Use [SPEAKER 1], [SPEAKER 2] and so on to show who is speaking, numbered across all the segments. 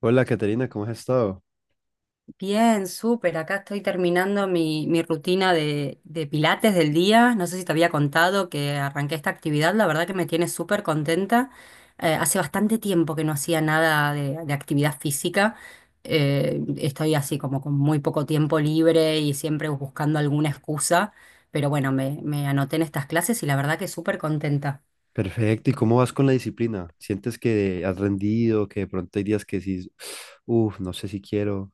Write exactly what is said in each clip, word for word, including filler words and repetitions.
[SPEAKER 1] Hola, Caterina, ¿cómo has estado?
[SPEAKER 2] Bien, súper. Acá estoy terminando mi, mi rutina de, de pilates del día. No sé si te había contado que arranqué esta actividad. La verdad que me tiene súper contenta. Eh, hace bastante tiempo que no hacía nada de, de actividad física. Eh, estoy así como con muy poco tiempo libre y siempre buscando alguna excusa. Pero bueno, me, me anoté en estas clases y la verdad que súper contenta.
[SPEAKER 1] Perfecto, ¿y cómo vas con la disciplina? ¿Sientes que has rendido, que de pronto hay días que decís, uff, no sé si quiero?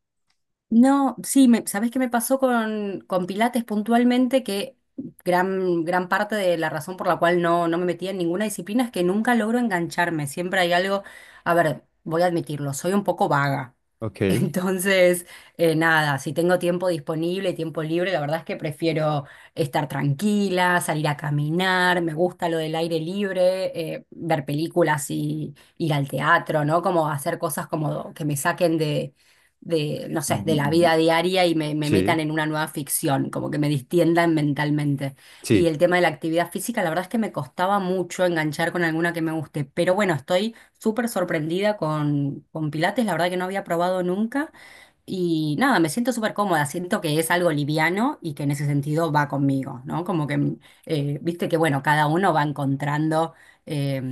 [SPEAKER 2] No, sí, me, ¿sabés qué me pasó con, con Pilates puntualmente? Que gran, gran parte de la razón por la cual no, no me metía en ninguna disciplina es que nunca logro engancharme. Siempre hay algo, a ver, voy a admitirlo, soy un poco vaga.
[SPEAKER 1] Ok.
[SPEAKER 2] Entonces, eh, nada, si tengo tiempo disponible, tiempo libre, la verdad es que prefiero estar tranquila, salir a caminar, me gusta lo del aire libre, eh, ver películas y ir al teatro, ¿no? Como hacer cosas como que me saquen de, no sé, de la vida
[SPEAKER 1] Mm,
[SPEAKER 2] diaria y me, me
[SPEAKER 1] sí,
[SPEAKER 2] metan en una nueva ficción, como que me distiendan mentalmente. Y
[SPEAKER 1] sí,
[SPEAKER 2] el tema de la actividad física, la verdad es que me costaba mucho enganchar con alguna que me guste, pero bueno, estoy súper sorprendida con, con Pilates, la verdad que no había probado nunca. Y nada, me siento súper cómoda, siento que es algo liviano y que en ese sentido va conmigo, ¿no? Como que, mm, eh, viste que, bueno, cada uno va encontrando eh,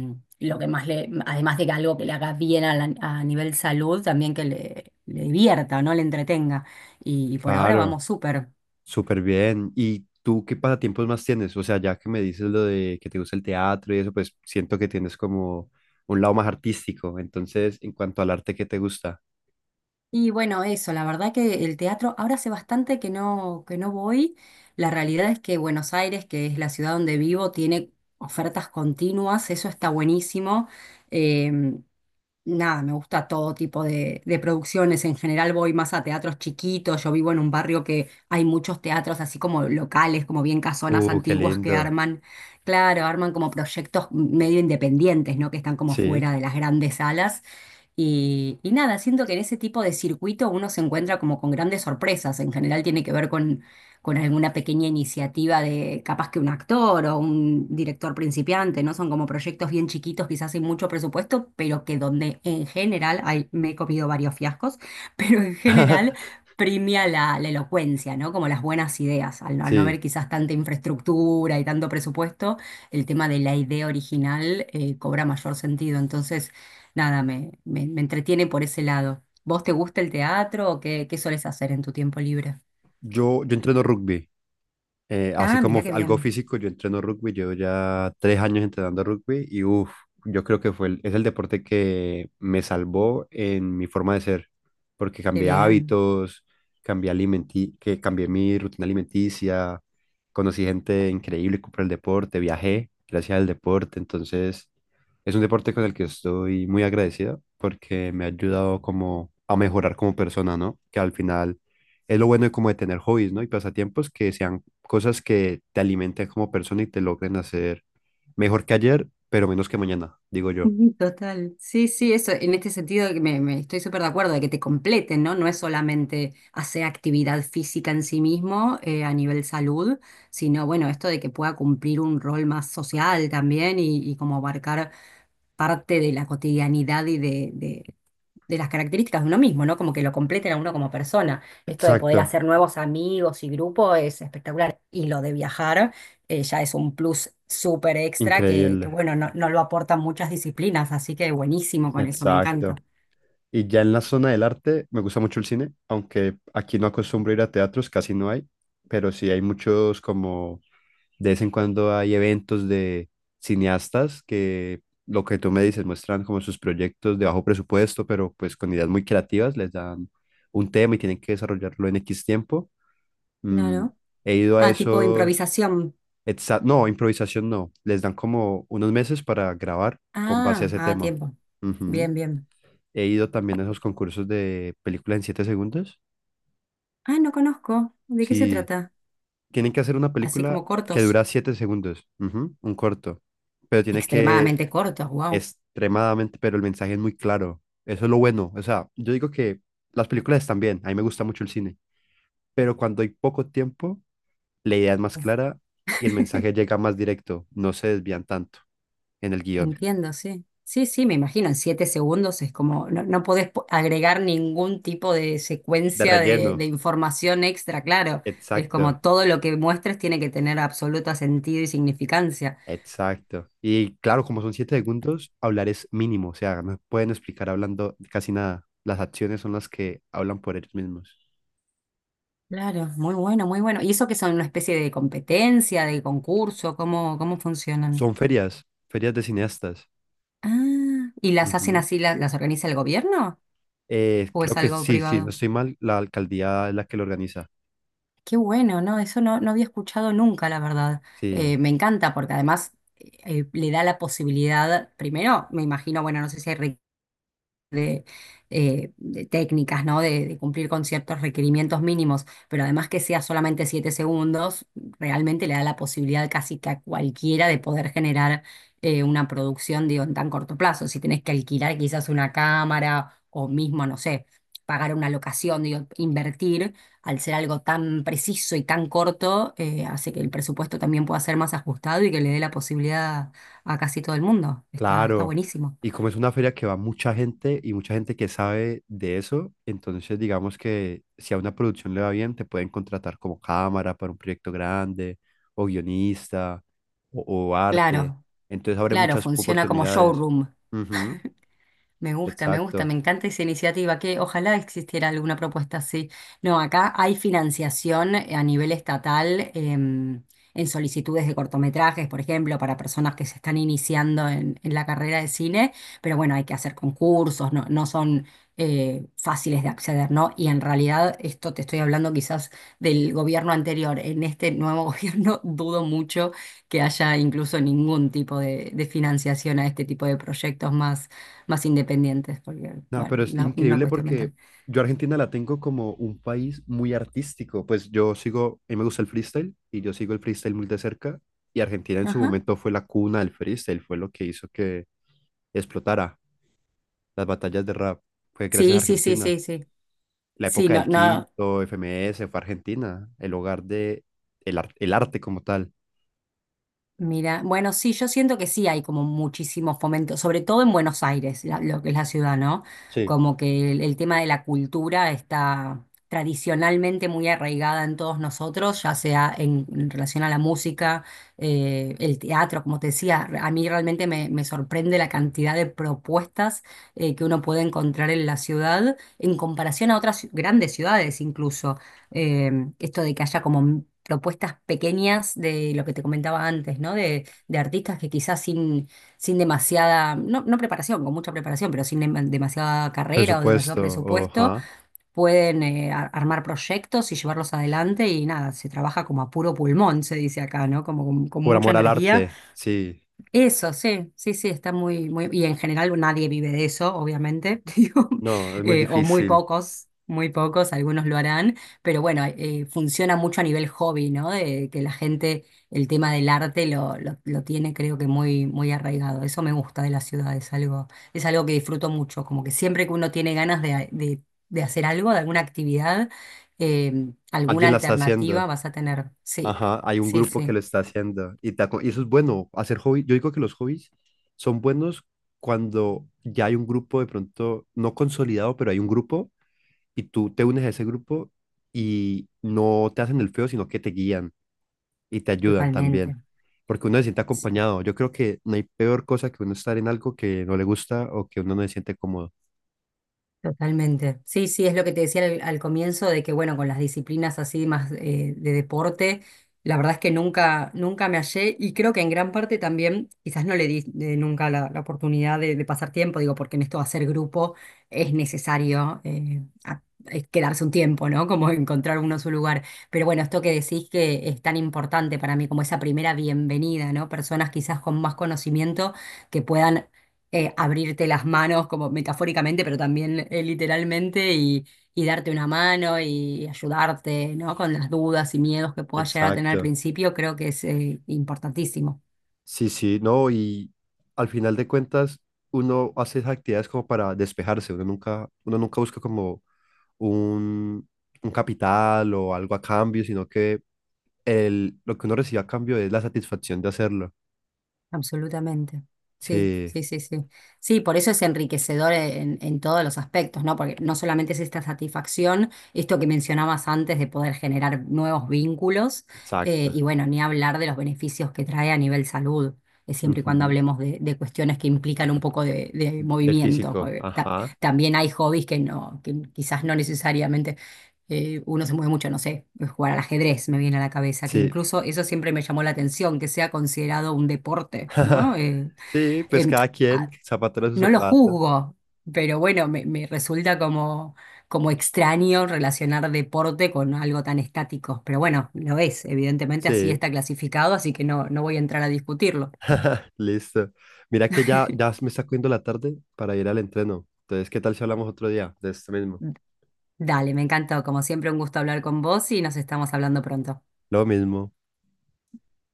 [SPEAKER 2] lo que más le, además de que algo que le haga bien a, la- a nivel salud, también que le, le divierta, ¿no? Le entretenga. Y, y por ahora
[SPEAKER 1] claro,
[SPEAKER 2] vamos súper.
[SPEAKER 1] súper bien. ¿Y tú qué pasatiempos más tienes? O sea, ya que me dices lo de que te gusta el teatro y eso, pues siento que tienes como un lado más artístico. Entonces, en cuanto al arte, ¿qué te gusta?
[SPEAKER 2] Y bueno, eso, la verdad que el teatro, ahora hace bastante que no, que no voy. La realidad es que Buenos Aires, que es la ciudad donde vivo, tiene ofertas continuas, eso está buenísimo. Em, Nada, me gusta todo tipo de, de producciones. En general voy más a teatros chiquitos. Yo vivo en un barrio que hay muchos teatros así como locales, como bien casonas
[SPEAKER 1] Uh, qué
[SPEAKER 2] antiguas que
[SPEAKER 1] lindo.
[SPEAKER 2] arman, claro, arman como proyectos medio independientes, ¿no? Que están como
[SPEAKER 1] Sí.
[SPEAKER 2] fuera de las grandes salas. Y, y nada, siento que en ese tipo de circuito uno se encuentra como con grandes sorpresas. En general tiene que ver con con alguna pequeña iniciativa de capaz que un actor o un director principiante, ¿no? Son como proyectos bien chiquitos, quizás sin mucho presupuesto, pero que donde en general, ay, me he comido varios fiascos, pero en general premia la, la elocuencia, ¿no? Como las buenas ideas, al, no al no haber
[SPEAKER 1] Sí.
[SPEAKER 2] quizás tanta infraestructura y tanto presupuesto, el tema de la idea original eh, cobra mayor sentido. Entonces, nada, me, me, me entretiene por ese lado. ¿Vos te gusta el teatro o qué, qué solés hacer en tu tiempo libre?
[SPEAKER 1] Yo, yo entreno rugby. Eh, así
[SPEAKER 2] Ah,
[SPEAKER 1] como
[SPEAKER 2] mira
[SPEAKER 1] f-
[SPEAKER 2] qué
[SPEAKER 1] algo
[SPEAKER 2] bien.
[SPEAKER 1] físico, yo entreno rugby, llevo ya tres años entrenando rugby y uff, yo creo que fue el- es el deporte que me salvó en mi forma de ser, porque
[SPEAKER 2] Qué
[SPEAKER 1] cambié
[SPEAKER 2] bien.
[SPEAKER 1] hábitos, cambié alimenti que cambié mi rutina alimenticia, conocí gente increíble por el deporte, viajé gracias al deporte, entonces es un deporte con el que estoy muy agradecido porque me ha ayudado como a mejorar como persona, ¿no? Que al final es lo bueno de como de tener hobbies, ¿no? Y pasatiempos que sean cosas que te alimenten como persona y te logren hacer mejor que ayer, pero menos que mañana, digo yo.
[SPEAKER 2] Ujú. Total. Sí, sí, eso, en este sentido que me, me estoy súper de acuerdo de que te completen, ¿no? No es solamente hacer actividad física en sí mismo eh, a nivel salud, sino bueno, esto de que pueda cumplir un rol más social también y, y como abarcar parte de la cotidianidad y de, de- de las características de uno mismo, ¿no? Como que lo completen a uno como persona. Esto de
[SPEAKER 1] Exacto,
[SPEAKER 2] poder hacer nuevos amigos y grupo es espectacular. Y lo de viajar eh, ya es un plus súper extra que, que,
[SPEAKER 1] increíble,
[SPEAKER 2] bueno, no, no lo aportan muchas disciplinas, así que buenísimo con eso, me encanta.
[SPEAKER 1] exacto. Y ya en la zona del arte, me gusta mucho el cine, aunque aquí no acostumbro ir a teatros, casi no hay, pero sí hay muchos como de vez en cuando hay eventos de cineastas que lo que tú me dices muestran como sus proyectos de bajo presupuesto, pero pues con ideas muy creativas, les dan un tema y tienen que desarrollarlo en X tiempo.
[SPEAKER 2] Claro.
[SPEAKER 1] Mm, he ido a
[SPEAKER 2] Ah, tipo
[SPEAKER 1] esos...
[SPEAKER 2] improvisación.
[SPEAKER 1] exa- No, improvisación no. Les dan como unos meses para grabar con base a
[SPEAKER 2] Ah,
[SPEAKER 1] ese
[SPEAKER 2] ah,
[SPEAKER 1] tema.
[SPEAKER 2] tiempo.
[SPEAKER 1] Ujú.
[SPEAKER 2] Bien, bien.
[SPEAKER 1] He ido también a esos concursos de película en siete segundos.
[SPEAKER 2] Ah, no conozco. ¿De qué se
[SPEAKER 1] Sí,
[SPEAKER 2] trata?
[SPEAKER 1] tienen que hacer una
[SPEAKER 2] Así como
[SPEAKER 1] película que
[SPEAKER 2] cortos,
[SPEAKER 1] dura siete segundos, ujú, un corto, pero tiene que
[SPEAKER 2] extremadamente cortos, wow.
[SPEAKER 1] extremadamente, pero el mensaje es muy claro. Eso es lo bueno. O sea, yo digo que las películas están bien, a mí me gusta mucho el cine, pero cuando hay poco tiempo la idea es más clara y el mensaje llega más directo, no se desvían tanto en el guión.
[SPEAKER 2] Entiendo, sí. Sí, sí, me imagino, en siete segundos es como, no, no podés po- agregar ningún tipo de
[SPEAKER 1] De
[SPEAKER 2] secuencia
[SPEAKER 1] relleno,
[SPEAKER 2] de, de información extra, claro. Es
[SPEAKER 1] exacto,
[SPEAKER 2] como todo lo que muestres tiene que tener absoluto sentido y significancia.
[SPEAKER 1] exacto. Y claro, como son siete segundos, hablar es mínimo, o sea, no pueden explicar hablando casi nada. Las acciones son las que hablan por ellos mismos.
[SPEAKER 2] Claro, muy bueno, muy bueno. ¿Y eso que son una especie de competencia, de concurso? ¿Cómo, cómo funcionan?
[SPEAKER 1] Son ferias, ferias de cineastas.
[SPEAKER 2] Ah, ¿y las hacen
[SPEAKER 1] Ujú.
[SPEAKER 2] así, la- las organiza el gobierno
[SPEAKER 1] Eh,
[SPEAKER 2] o
[SPEAKER 1] creo
[SPEAKER 2] es
[SPEAKER 1] que
[SPEAKER 2] algo
[SPEAKER 1] sí, sí, no
[SPEAKER 2] privado?
[SPEAKER 1] estoy mal, la alcaldía es la que lo organiza.
[SPEAKER 2] Qué bueno, ¿no? Eso no, no había escuchado nunca, la verdad.
[SPEAKER 1] Sí,
[SPEAKER 2] Eh, me encanta porque además eh, le da la posibilidad, primero, me imagino, bueno, no sé si hay de, eh, de técnicas, ¿no? De, de cumplir con ciertos requerimientos mínimos, pero además que sea solamente siete segundos, realmente le da la posibilidad casi que a cualquiera de poder generar eh, una producción, digo, en tan corto plazo. Si tenés que alquilar quizás una cámara o mismo, no sé, pagar una locación, digo, invertir, al ser algo tan preciso y tan corto, eh, hace que el presupuesto también pueda ser más ajustado y que le dé la posibilidad a casi todo el mundo. Está, está
[SPEAKER 1] claro,
[SPEAKER 2] buenísimo.
[SPEAKER 1] y como es una feria que va mucha gente y mucha gente que sabe de eso, entonces digamos que si a una producción le va bien, te pueden contratar como cámara para un proyecto grande, o guionista, o, o arte.
[SPEAKER 2] Claro.
[SPEAKER 1] Entonces abre
[SPEAKER 2] Claro,
[SPEAKER 1] muchas
[SPEAKER 2] funciona como
[SPEAKER 1] oportunidades.
[SPEAKER 2] showroom.
[SPEAKER 1] Ujú,
[SPEAKER 2] Me gusta, me gusta,
[SPEAKER 1] exacto.
[SPEAKER 2] me encanta esa iniciativa, que ojalá existiera alguna propuesta así. No, acá hay financiación a nivel estatal em, en solicitudes de cortometrajes, por ejemplo, para personas que se están iniciando en, en la carrera de cine, pero bueno, hay que hacer concursos, no, no son eh, fáciles de acceder, ¿no? Y en realidad, esto te estoy hablando quizás del gobierno anterior, en este nuevo gobierno dudo mucho que haya incluso ningún tipo de, de financiación a este tipo de proyectos más más independientes, porque,
[SPEAKER 1] No,
[SPEAKER 2] bueno,
[SPEAKER 1] pero es
[SPEAKER 2] una, una
[SPEAKER 1] increíble
[SPEAKER 2] cuestión
[SPEAKER 1] porque
[SPEAKER 2] mental.
[SPEAKER 1] yo a Argentina la tengo como un país muy artístico. Pues yo sigo, a mí me gusta el freestyle y yo sigo el freestyle muy de cerca. Y Argentina en su
[SPEAKER 2] Ajá.
[SPEAKER 1] momento fue la cuna del freestyle, fue lo que hizo que explotara las batallas de rap. Fue gracias a
[SPEAKER 2] Sí, sí, sí, sí,
[SPEAKER 1] Argentina.
[SPEAKER 2] sí.
[SPEAKER 1] La
[SPEAKER 2] Sí,
[SPEAKER 1] época
[SPEAKER 2] no,
[SPEAKER 1] del
[SPEAKER 2] no.
[SPEAKER 1] Quinto, F M S, fue Argentina, el hogar de el, ar- el arte como tal.
[SPEAKER 2] Mira, bueno, sí, yo siento que sí hay como muchísimo fomento, sobre todo en Buenos Aires, la- lo que es la ciudad, ¿no?
[SPEAKER 1] Sí.
[SPEAKER 2] Como que el, el tema de la cultura está tradicionalmente muy arraigada en todos nosotros, ya sea en, en relación a la música, eh, el teatro, como te decía, a mí realmente me, me sorprende la cantidad de propuestas eh, que uno puede encontrar en la ciudad en comparación a otras grandes ciudades incluso eh, esto de que haya como propuestas pequeñas de lo que te comentaba antes, ¿no? De, de artistas que quizás sin, sin demasiada, no, no preparación, con mucha preparación, pero sin dem- demasiada carrera o demasiado
[SPEAKER 1] Presupuesto,
[SPEAKER 2] presupuesto,
[SPEAKER 1] ajá.
[SPEAKER 2] pueden eh, ar- armar proyectos y llevarlos adelante y nada, se trabaja como a puro pulmón, se dice acá, ¿no? Como con, con
[SPEAKER 1] Por
[SPEAKER 2] mucha
[SPEAKER 1] amor al
[SPEAKER 2] energía
[SPEAKER 1] arte, sí.
[SPEAKER 2] eso, sí, sí, sí, está muy, muy, y en general nadie vive de eso, obviamente, digo,
[SPEAKER 1] No, es muy
[SPEAKER 2] eh, o muy
[SPEAKER 1] difícil.
[SPEAKER 2] pocos, muy pocos, algunos lo harán, pero bueno, eh, funciona mucho a nivel hobby, ¿no? De que la gente, el tema del arte lo, lo, lo tiene, creo que muy, muy arraigado. Eso me gusta de la ciudad, es algo, es algo que disfruto mucho, como que siempre que uno tiene ganas de, de, de hacer algo, de alguna actividad, eh, alguna
[SPEAKER 1] Alguien la está
[SPEAKER 2] alternativa
[SPEAKER 1] haciendo.
[SPEAKER 2] vas a tener. Sí,
[SPEAKER 1] Ajá, hay un
[SPEAKER 2] sí,
[SPEAKER 1] grupo que
[SPEAKER 2] sí,
[SPEAKER 1] lo está haciendo. Y, te aco- y eso es bueno, hacer hobby. Yo digo que los hobbies son buenos cuando ya hay un grupo de pronto, no consolidado, pero hay un grupo y tú te unes a ese grupo y no te hacen el feo, sino que te guían y te ayudan
[SPEAKER 2] totalmente.
[SPEAKER 1] también, porque uno se siente
[SPEAKER 2] Sí.
[SPEAKER 1] acompañado. Yo creo que no hay peor cosa que uno estar en algo que no le gusta o que uno no se siente cómodo.
[SPEAKER 2] Totalmente. Sí, sí, es lo que te decía al, al comienzo de que, bueno, con las disciplinas así más eh, de deporte, la verdad es que nunca, nunca me hallé y creo que en gran parte también, quizás no le di eh, nunca la, la oportunidad de, de pasar tiempo, digo, porque en esto de hacer grupo es necesario eh, a- es quedarse un tiempo, ¿no? Como encontrar uno su lugar. Pero bueno, esto que decís que es tan importante para mí, como esa primera bienvenida, ¿no? Personas quizás con más conocimiento que puedan eh, abrirte las manos como metafóricamente, pero también eh, literalmente y, y darte una mano y ayudarte, ¿no? Con las dudas y miedos que puedas llegar a tener al
[SPEAKER 1] Exacto.
[SPEAKER 2] principio, creo que es eh, importantísimo.
[SPEAKER 1] Sí, sí, no, y al final de cuentas uno hace esas actividades como para despejarse, uno nunca, uno nunca busca como un, un capital o algo a cambio, sino que el, lo que uno recibe a cambio es la satisfacción de hacerlo.
[SPEAKER 2] Absolutamente. Sí,
[SPEAKER 1] Sí,
[SPEAKER 2] sí, sí, sí. Sí, por eso es enriquecedor en, en todos los aspectos, ¿no? Porque no solamente es esta satisfacción, esto que mencionabas antes de poder generar nuevos vínculos, eh,
[SPEAKER 1] exacto.
[SPEAKER 2] y bueno, ni hablar de los beneficios que trae a nivel salud, eh, siempre y cuando
[SPEAKER 1] Ujú.
[SPEAKER 2] hablemos de, de cuestiones que implican un poco de, de
[SPEAKER 1] De
[SPEAKER 2] movimiento.
[SPEAKER 1] físico,
[SPEAKER 2] Porque ta-
[SPEAKER 1] ajá.
[SPEAKER 2] también hay hobbies que no, que quizás no necesariamente eh, uno se mueve mucho, no sé, eh, jugar al ajedrez me viene a la cabeza, que
[SPEAKER 1] Sí.
[SPEAKER 2] incluso eso siempre me llamó la atención, que sea considerado un deporte, ¿no? Eh,
[SPEAKER 1] Sí, pues
[SPEAKER 2] em,
[SPEAKER 1] cada quien, zapato a su
[SPEAKER 2] no lo
[SPEAKER 1] zapato.
[SPEAKER 2] juzgo, pero bueno, me, me resulta como, como extraño relacionar deporte con algo tan estático, pero bueno, lo es, evidentemente así
[SPEAKER 1] Sí,
[SPEAKER 2] está clasificado, así que no, no voy a entrar a discutirlo.
[SPEAKER 1] listo. Mira que ya, ya me está cogiendo la tarde para ir al entreno. Entonces, ¿qué tal si hablamos otro día de esto mismo?
[SPEAKER 2] Dale, me encantó, como siempre un gusto hablar con vos y nos estamos hablando pronto.
[SPEAKER 1] Lo mismo.